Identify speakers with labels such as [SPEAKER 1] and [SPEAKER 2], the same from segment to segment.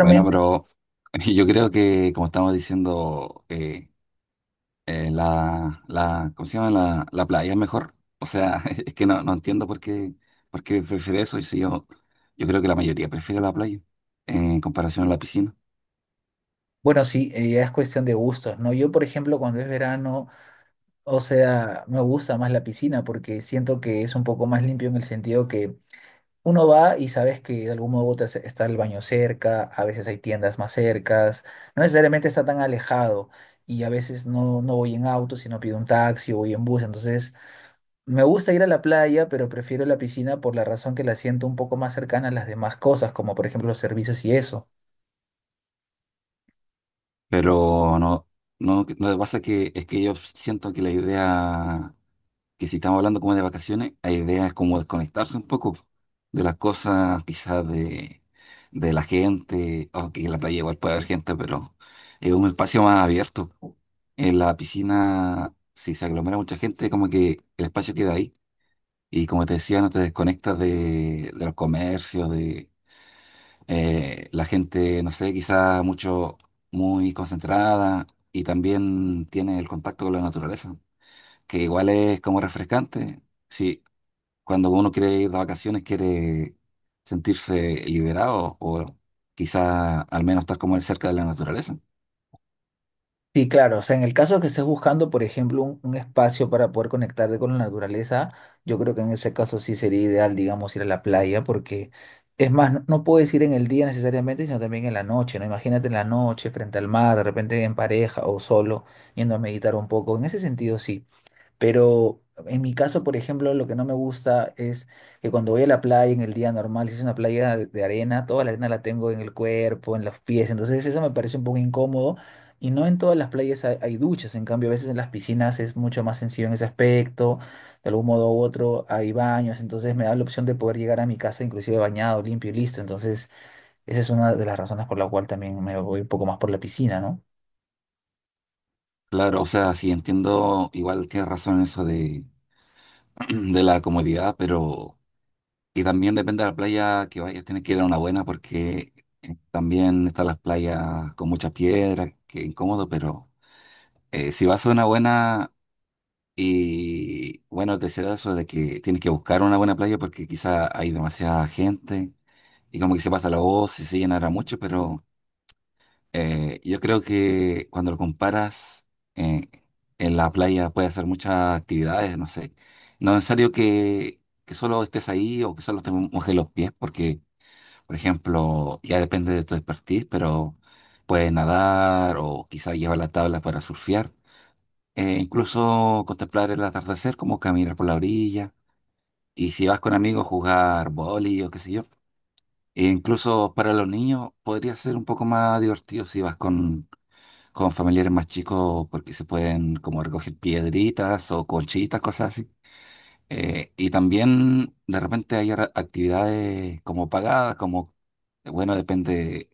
[SPEAKER 1] Bueno, pero yo creo que, como estamos diciendo, ¿cómo se llama? La playa es mejor. O sea, es que no entiendo por qué prefiere eso. Y si yo creo que la mayoría prefiere la playa en comparación a la piscina.
[SPEAKER 2] bueno, sí, ya es cuestión de gustos, ¿no? Yo, por ejemplo, cuando es verano, o sea, me gusta más la piscina porque siento que es un poco más limpio en el sentido que uno va y sabes que de algún modo u otro está el baño cerca, a veces hay tiendas más cercas, no necesariamente está tan alejado y a veces no voy en auto, sino pido un taxi o voy en bus, entonces me gusta ir a la playa, pero prefiero la piscina por la razón que la siento un poco más cercana a las demás cosas, como por ejemplo los servicios y eso.
[SPEAKER 1] Pero no pasa que es que yo siento que la idea que si estamos hablando como de vacaciones, la idea es como desconectarse un poco de las cosas, quizás de la gente, aunque en la playa igual puede haber gente, pero es un espacio más abierto. En la piscina, si se aglomera mucha gente, como que el espacio queda ahí. Y como te decía, no te desconectas de los comercios, de la gente, no sé, quizás mucho, muy concentrada. Y también tiene el contacto con la naturaleza, que igual es como refrescante. Sí, cuando uno quiere ir de vacaciones, quiere sentirse liberado o quizá al menos estar como él cerca de la naturaleza.
[SPEAKER 2] Sí, claro. O sea, en el caso que estés buscando, por ejemplo, un espacio para poder conectarte con la naturaleza, yo creo que en ese caso sí sería ideal, digamos, ir a la playa, porque es más, no puedes ir en el día necesariamente, sino también en la noche, ¿no? Imagínate en la noche, frente al mar, de repente en pareja o solo, yendo a meditar un poco. En ese sentido, sí. Pero en mi caso, por ejemplo, lo que no me gusta es que cuando voy a la playa en el día normal, si es una playa de arena, toda la arena la tengo en el cuerpo, en los pies, entonces eso me parece un poco incómodo. Y no en todas las playas hay duchas, en cambio a veces en las piscinas es mucho más sencillo en ese aspecto, de algún modo u otro hay baños, entonces me da la opción de poder llegar a mi casa inclusive bañado, limpio y listo. Entonces esa es una de las razones por la cual también me voy un poco más por la piscina, ¿no?
[SPEAKER 1] Claro, o sea, sí entiendo, igual tienes razón en eso de, de la comodidad, pero y también depende de la playa que vayas, tienes que ir a una buena porque también están las playas con muchas piedras, que incómodo, pero si vas a una buena, y bueno, tercero, eso de que tienes que buscar una buena playa porque quizá hay demasiada gente y como que se pasa la voz y se llenará mucho, pero yo creo que cuando lo comparas eh, en la playa puedes hacer muchas actividades, no sé. No es necesario que solo estés ahí o que solo te mojes los pies porque, por ejemplo, ya depende de tu expertise, pero puedes nadar o quizá llevar la tabla para surfear. Incluso contemplar el atardecer, como caminar por la orilla, y si vas con amigos, jugar boli o qué sé yo. E incluso para los niños podría ser un poco más divertido si vas con familiares más chicos, porque se pueden como recoger piedritas o conchitas, cosas así. Y también de repente hay actividades como pagadas, como, bueno, depende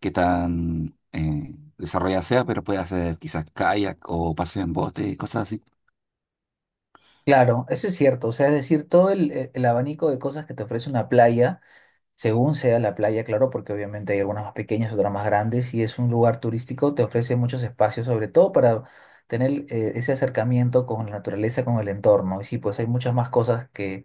[SPEAKER 1] qué tan desarrollada sea, pero puede hacer quizás kayak o paseo en bote, cosas así.
[SPEAKER 2] Claro, eso es cierto. O sea, es decir, todo el abanico de cosas que te ofrece una playa, según sea la playa, claro, porque obviamente hay algunas más pequeñas, otras más grandes, y es un lugar turístico, te ofrece muchos espacios, sobre todo para tener ese acercamiento con la naturaleza, con el entorno. Y sí, pues hay muchas más cosas que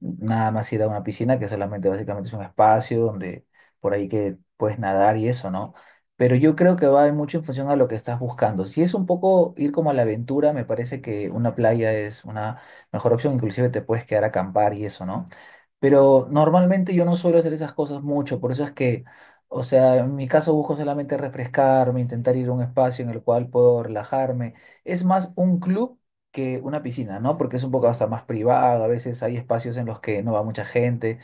[SPEAKER 2] nada más ir a una piscina que solamente básicamente es un espacio donde por ahí que puedes nadar y eso, ¿no? Pero yo creo que va mucho en función a lo que estás buscando. Si es un poco ir como a la aventura, me parece que una playa es una mejor opción, inclusive te puedes quedar a acampar y eso, ¿no? Pero normalmente yo no suelo hacer esas cosas mucho, por eso es que, o sea, en mi caso busco solamente refrescarme, intentar ir a un espacio en el cual puedo relajarme. Es más un club que una piscina, ¿no? Porque es un poco hasta más privado, a veces hay espacios en los que no va mucha gente.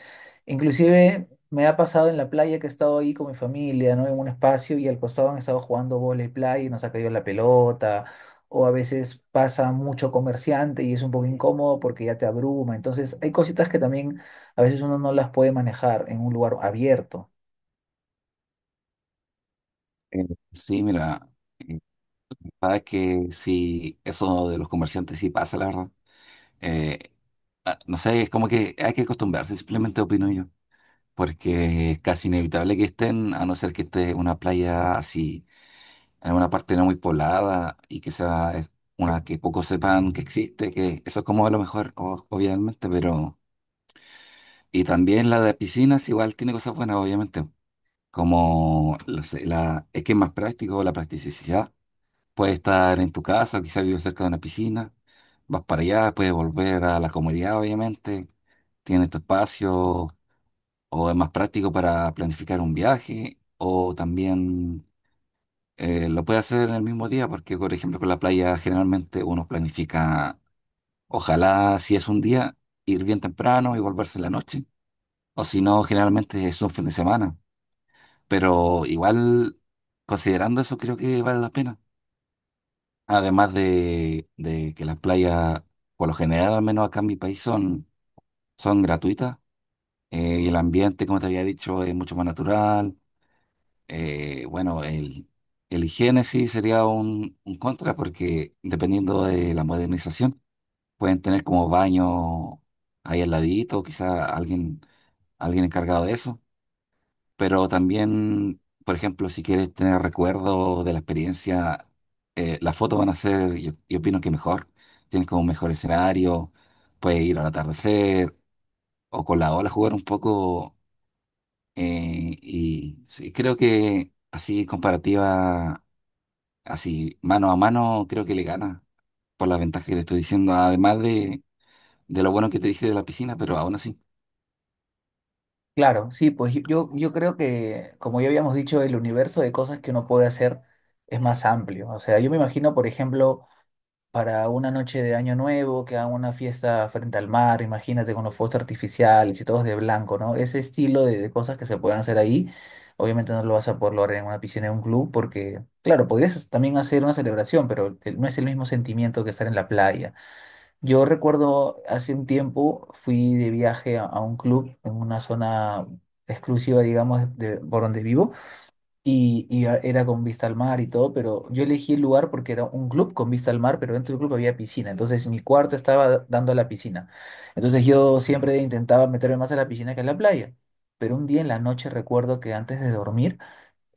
[SPEAKER 2] Inclusive me ha pasado en la playa que he estado ahí con mi familia, ¿no? En un espacio y al costado han estado jugando vóley playa y nos ha caído la pelota. O a veces pasa mucho comerciante y es un poco incómodo porque ya te abruma. Entonces hay cositas que también a veces uno no las puede manejar en un lugar abierto.
[SPEAKER 1] Eh, Sí, mira, eh, sabes que sí, eso de los comerciantes sí pasa, la verdad. Eh, ah, no sé, es como que hay que acostumbrarse, simplemente opino yo, porque es casi inevitable que estén, a no ser que esté una playa así, en una parte no muy poblada y que sea una que pocos sepan que existe, que eso es como lo mejor, obviamente, pero... Y también la de piscinas igual tiene cosas buenas, obviamente, como, no sé, es que es más práctico, la practicidad. Puedes estar en tu casa, o quizás vives cerca de una piscina, vas para allá, puedes volver a la comodidad, obviamente. Tienes tu espacio o es más práctico para planificar un viaje o también lo puedes hacer en el mismo día porque, por ejemplo, con la playa generalmente uno planifica, ojalá si es un día, ir bien temprano y volverse en la noche o si no, generalmente es un fin de semana. Pero igual, considerando eso, creo que vale la pena. Además de que las playas, por lo general, al menos acá en mi país, son gratuitas. Eh, y el ambiente, como te había dicho, es mucho más natural. Bueno, el higiene sí sería un contra porque dependiendo de la modernización, pueden tener como baño ahí al ladito, quizá alguien, alguien encargado de eso. Pero también, por ejemplo, si quieres tener recuerdos de la experiencia, las fotos van a ser, yo opino que mejor. Tienes como un mejor escenario, puedes ir al atardecer o con la ola jugar un poco. Eh, y sí, creo que así comparativa, así mano a mano, creo que le gana por las ventajas que te estoy diciendo, además de lo bueno que te dije de la piscina, pero aún así,
[SPEAKER 2] Claro, sí, pues yo creo que, como ya habíamos dicho, el universo de cosas que uno puede hacer es más amplio. O sea, yo me imagino, por ejemplo, para una noche de Año Nuevo, que hagan una fiesta frente al mar, imagínate con los fuegos artificiales y todos de blanco, ¿no? Ese estilo de cosas que se pueden hacer ahí, obviamente no lo vas a poder lograr en una piscina, en un club, porque, claro, podrías también hacer una celebración, pero no es el mismo sentimiento que estar en la playa. Yo recuerdo hace un tiempo fui de viaje a un club en una zona exclusiva, digamos, por donde vivo, era con vista al mar y todo, pero yo elegí el lugar porque era un club con vista al mar, pero dentro del club había piscina, entonces mi cuarto estaba dando a la piscina. Entonces yo siempre intentaba meterme más a la piscina que a la playa, pero un día en la noche recuerdo que antes de dormir,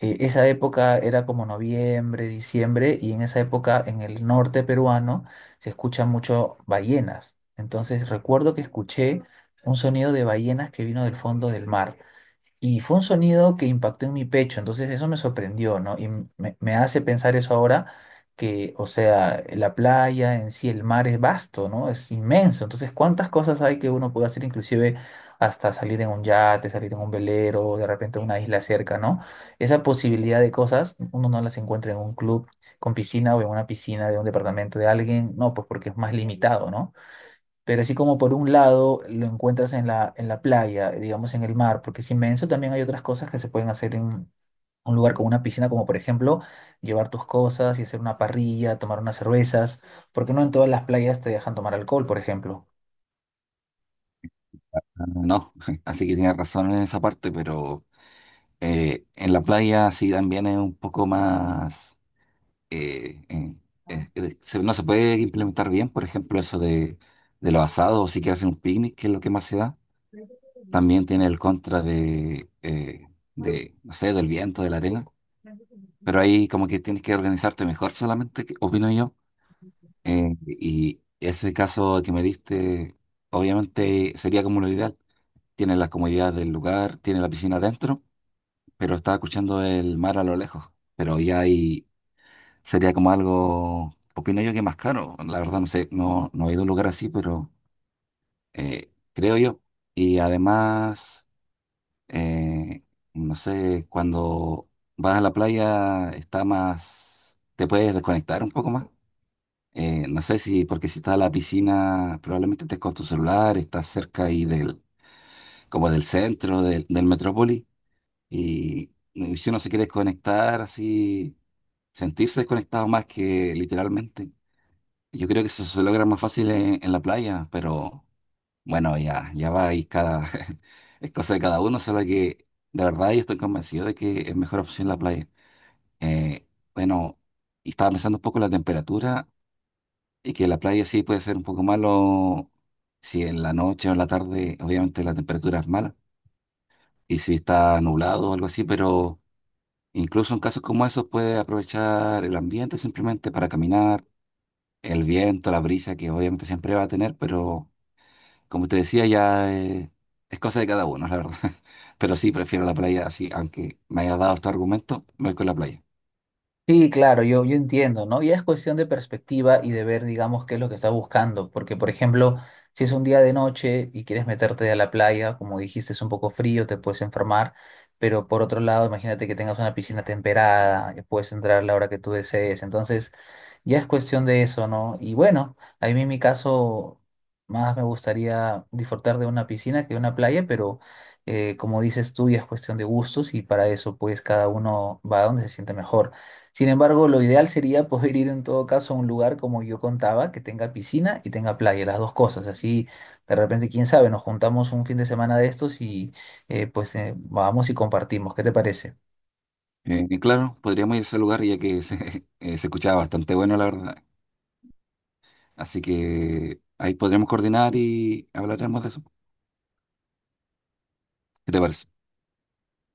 [SPEAKER 2] esa época era como noviembre, diciembre, y en esa época en el norte peruano se escuchan mucho ballenas. Entonces recuerdo que escuché un sonido de ballenas que vino del fondo del mar. Y fue un sonido que impactó en mi pecho, entonces eso me sorprendió, ¿no? Y me hace pensar eso ahora, que, o sea, la playa en sí, el mar es vasto, ¿no? Es inmenso, entonces cuántas cosas hay que uno puede hacer, inclusive hasta salir en un yate, salir en un velero, de repente a una isla cerca, ¿no? Esa posibilidad de cosas, uno no las encuentra en un club con piscina o en una piscina de un departamento de alguien, no, pues porque es más limitado, ¿no? Pero así como por un lado lo encuentras en en la playa, digamos en el mar, porque es inmenso, también hay otras cosas que se pueden hacer en un lugar con una piscina, como por ejemplo llevar tus cosas y hacer una parrilla, tomar unas cervezas, porque no en todas las playas te dejan tomar alcohol, por ejemplo.
[SPEAKER 1] no. Así que tienes razón en esa parte, pero... en la playa sí también es un poco más... eh, eh, no se puede implementar bien, por ejemplo, eso de los asados, o sí que hacen un picnic, que es lo que más se da. También tiene el contra de, no sé, del viento, de la arena. Pero ahí como que tienes que organizarte mejor solamente, opino yo. Y ese caso que me diste, obviamente sería como lo ideal. Tiene la comodidad del lugar, tiene la piscina adentro. Pero estaba escuchando el mar a lo lejos. Pero ya ahí sería como algo, opino yo que más caro. La verdad no sé, no he ido a un lugar así, pero creo yo. Y además, eh, no sé, cuando vas a la playa está más, te puedes desconectar un poco más. No sé si, porque si estás a la piscina, probablemente estés con tu celular, estás cerca ahí del, como del centro, del metrópoli. Y y si uno se quiere desconectar así sentirse desconectado más que literalmente. Yo creo que eso se logra más fácil en la playa, pero bueno, ya va y cada, es cosa de cada uno, solo que de verdad yo estoy convencido de que es mejor opción la playa. Eh, bueno, y estaba pensando un poco en la temperatura y que la playa sí puede ser un poco malo si en la noche o en la tarde, obviamente la temperatura es mala y si está nublado o algo así, pero incluso en casos como esos puede aprovechar el ambiente simplemente para caminar el viento, la brisa que obviamente siempre va a tener, pero como te decía, ya es cosa de cada uno, la verdad. Pero sí, prefiero la playa así, aunque me haya dado este argumento, me voy con la playa.
[SPEAKER 2] Sí, claro, yo entiendo, ¿no? Y es cuestión de perspectiva y de ver, digamos, qué es lo que estás buscando, porque, por ejemplo, si es un día de noche y quieres meterte a la playa, como dijiste, es un poco frío, te puedes enfermar, pero por otro lado, imagínate que tengas una piscina temperada, que puedes entrar a la hora que tú desees, entonces ya es cuestión de eso, ¿no? Y bueno, a mí en mi caso, más me gustaría disfrutar de una piscina que de una playa, pero como dices tú, ya es cuestión de gustos y para eso, pues, cada uno va a donde se siente mejor. Sin embargo, lo ideal sería poder ir en todo caso a un lugar como yo contaba, que tenga piscina y tenga playa, las dos cosas. Así, de repente, quién sabe, nos juntamos un fin de semana de estos y pues vamos y compartimos. ¿Qué te parece?
[SPEAKER 1] Y claro, podríamos ir a ese lugar ya que se, se escuchaba bastante bueno, la verdad. Así que ahí podremos coordinar y hablaremos de eso. ¿Qué te parece?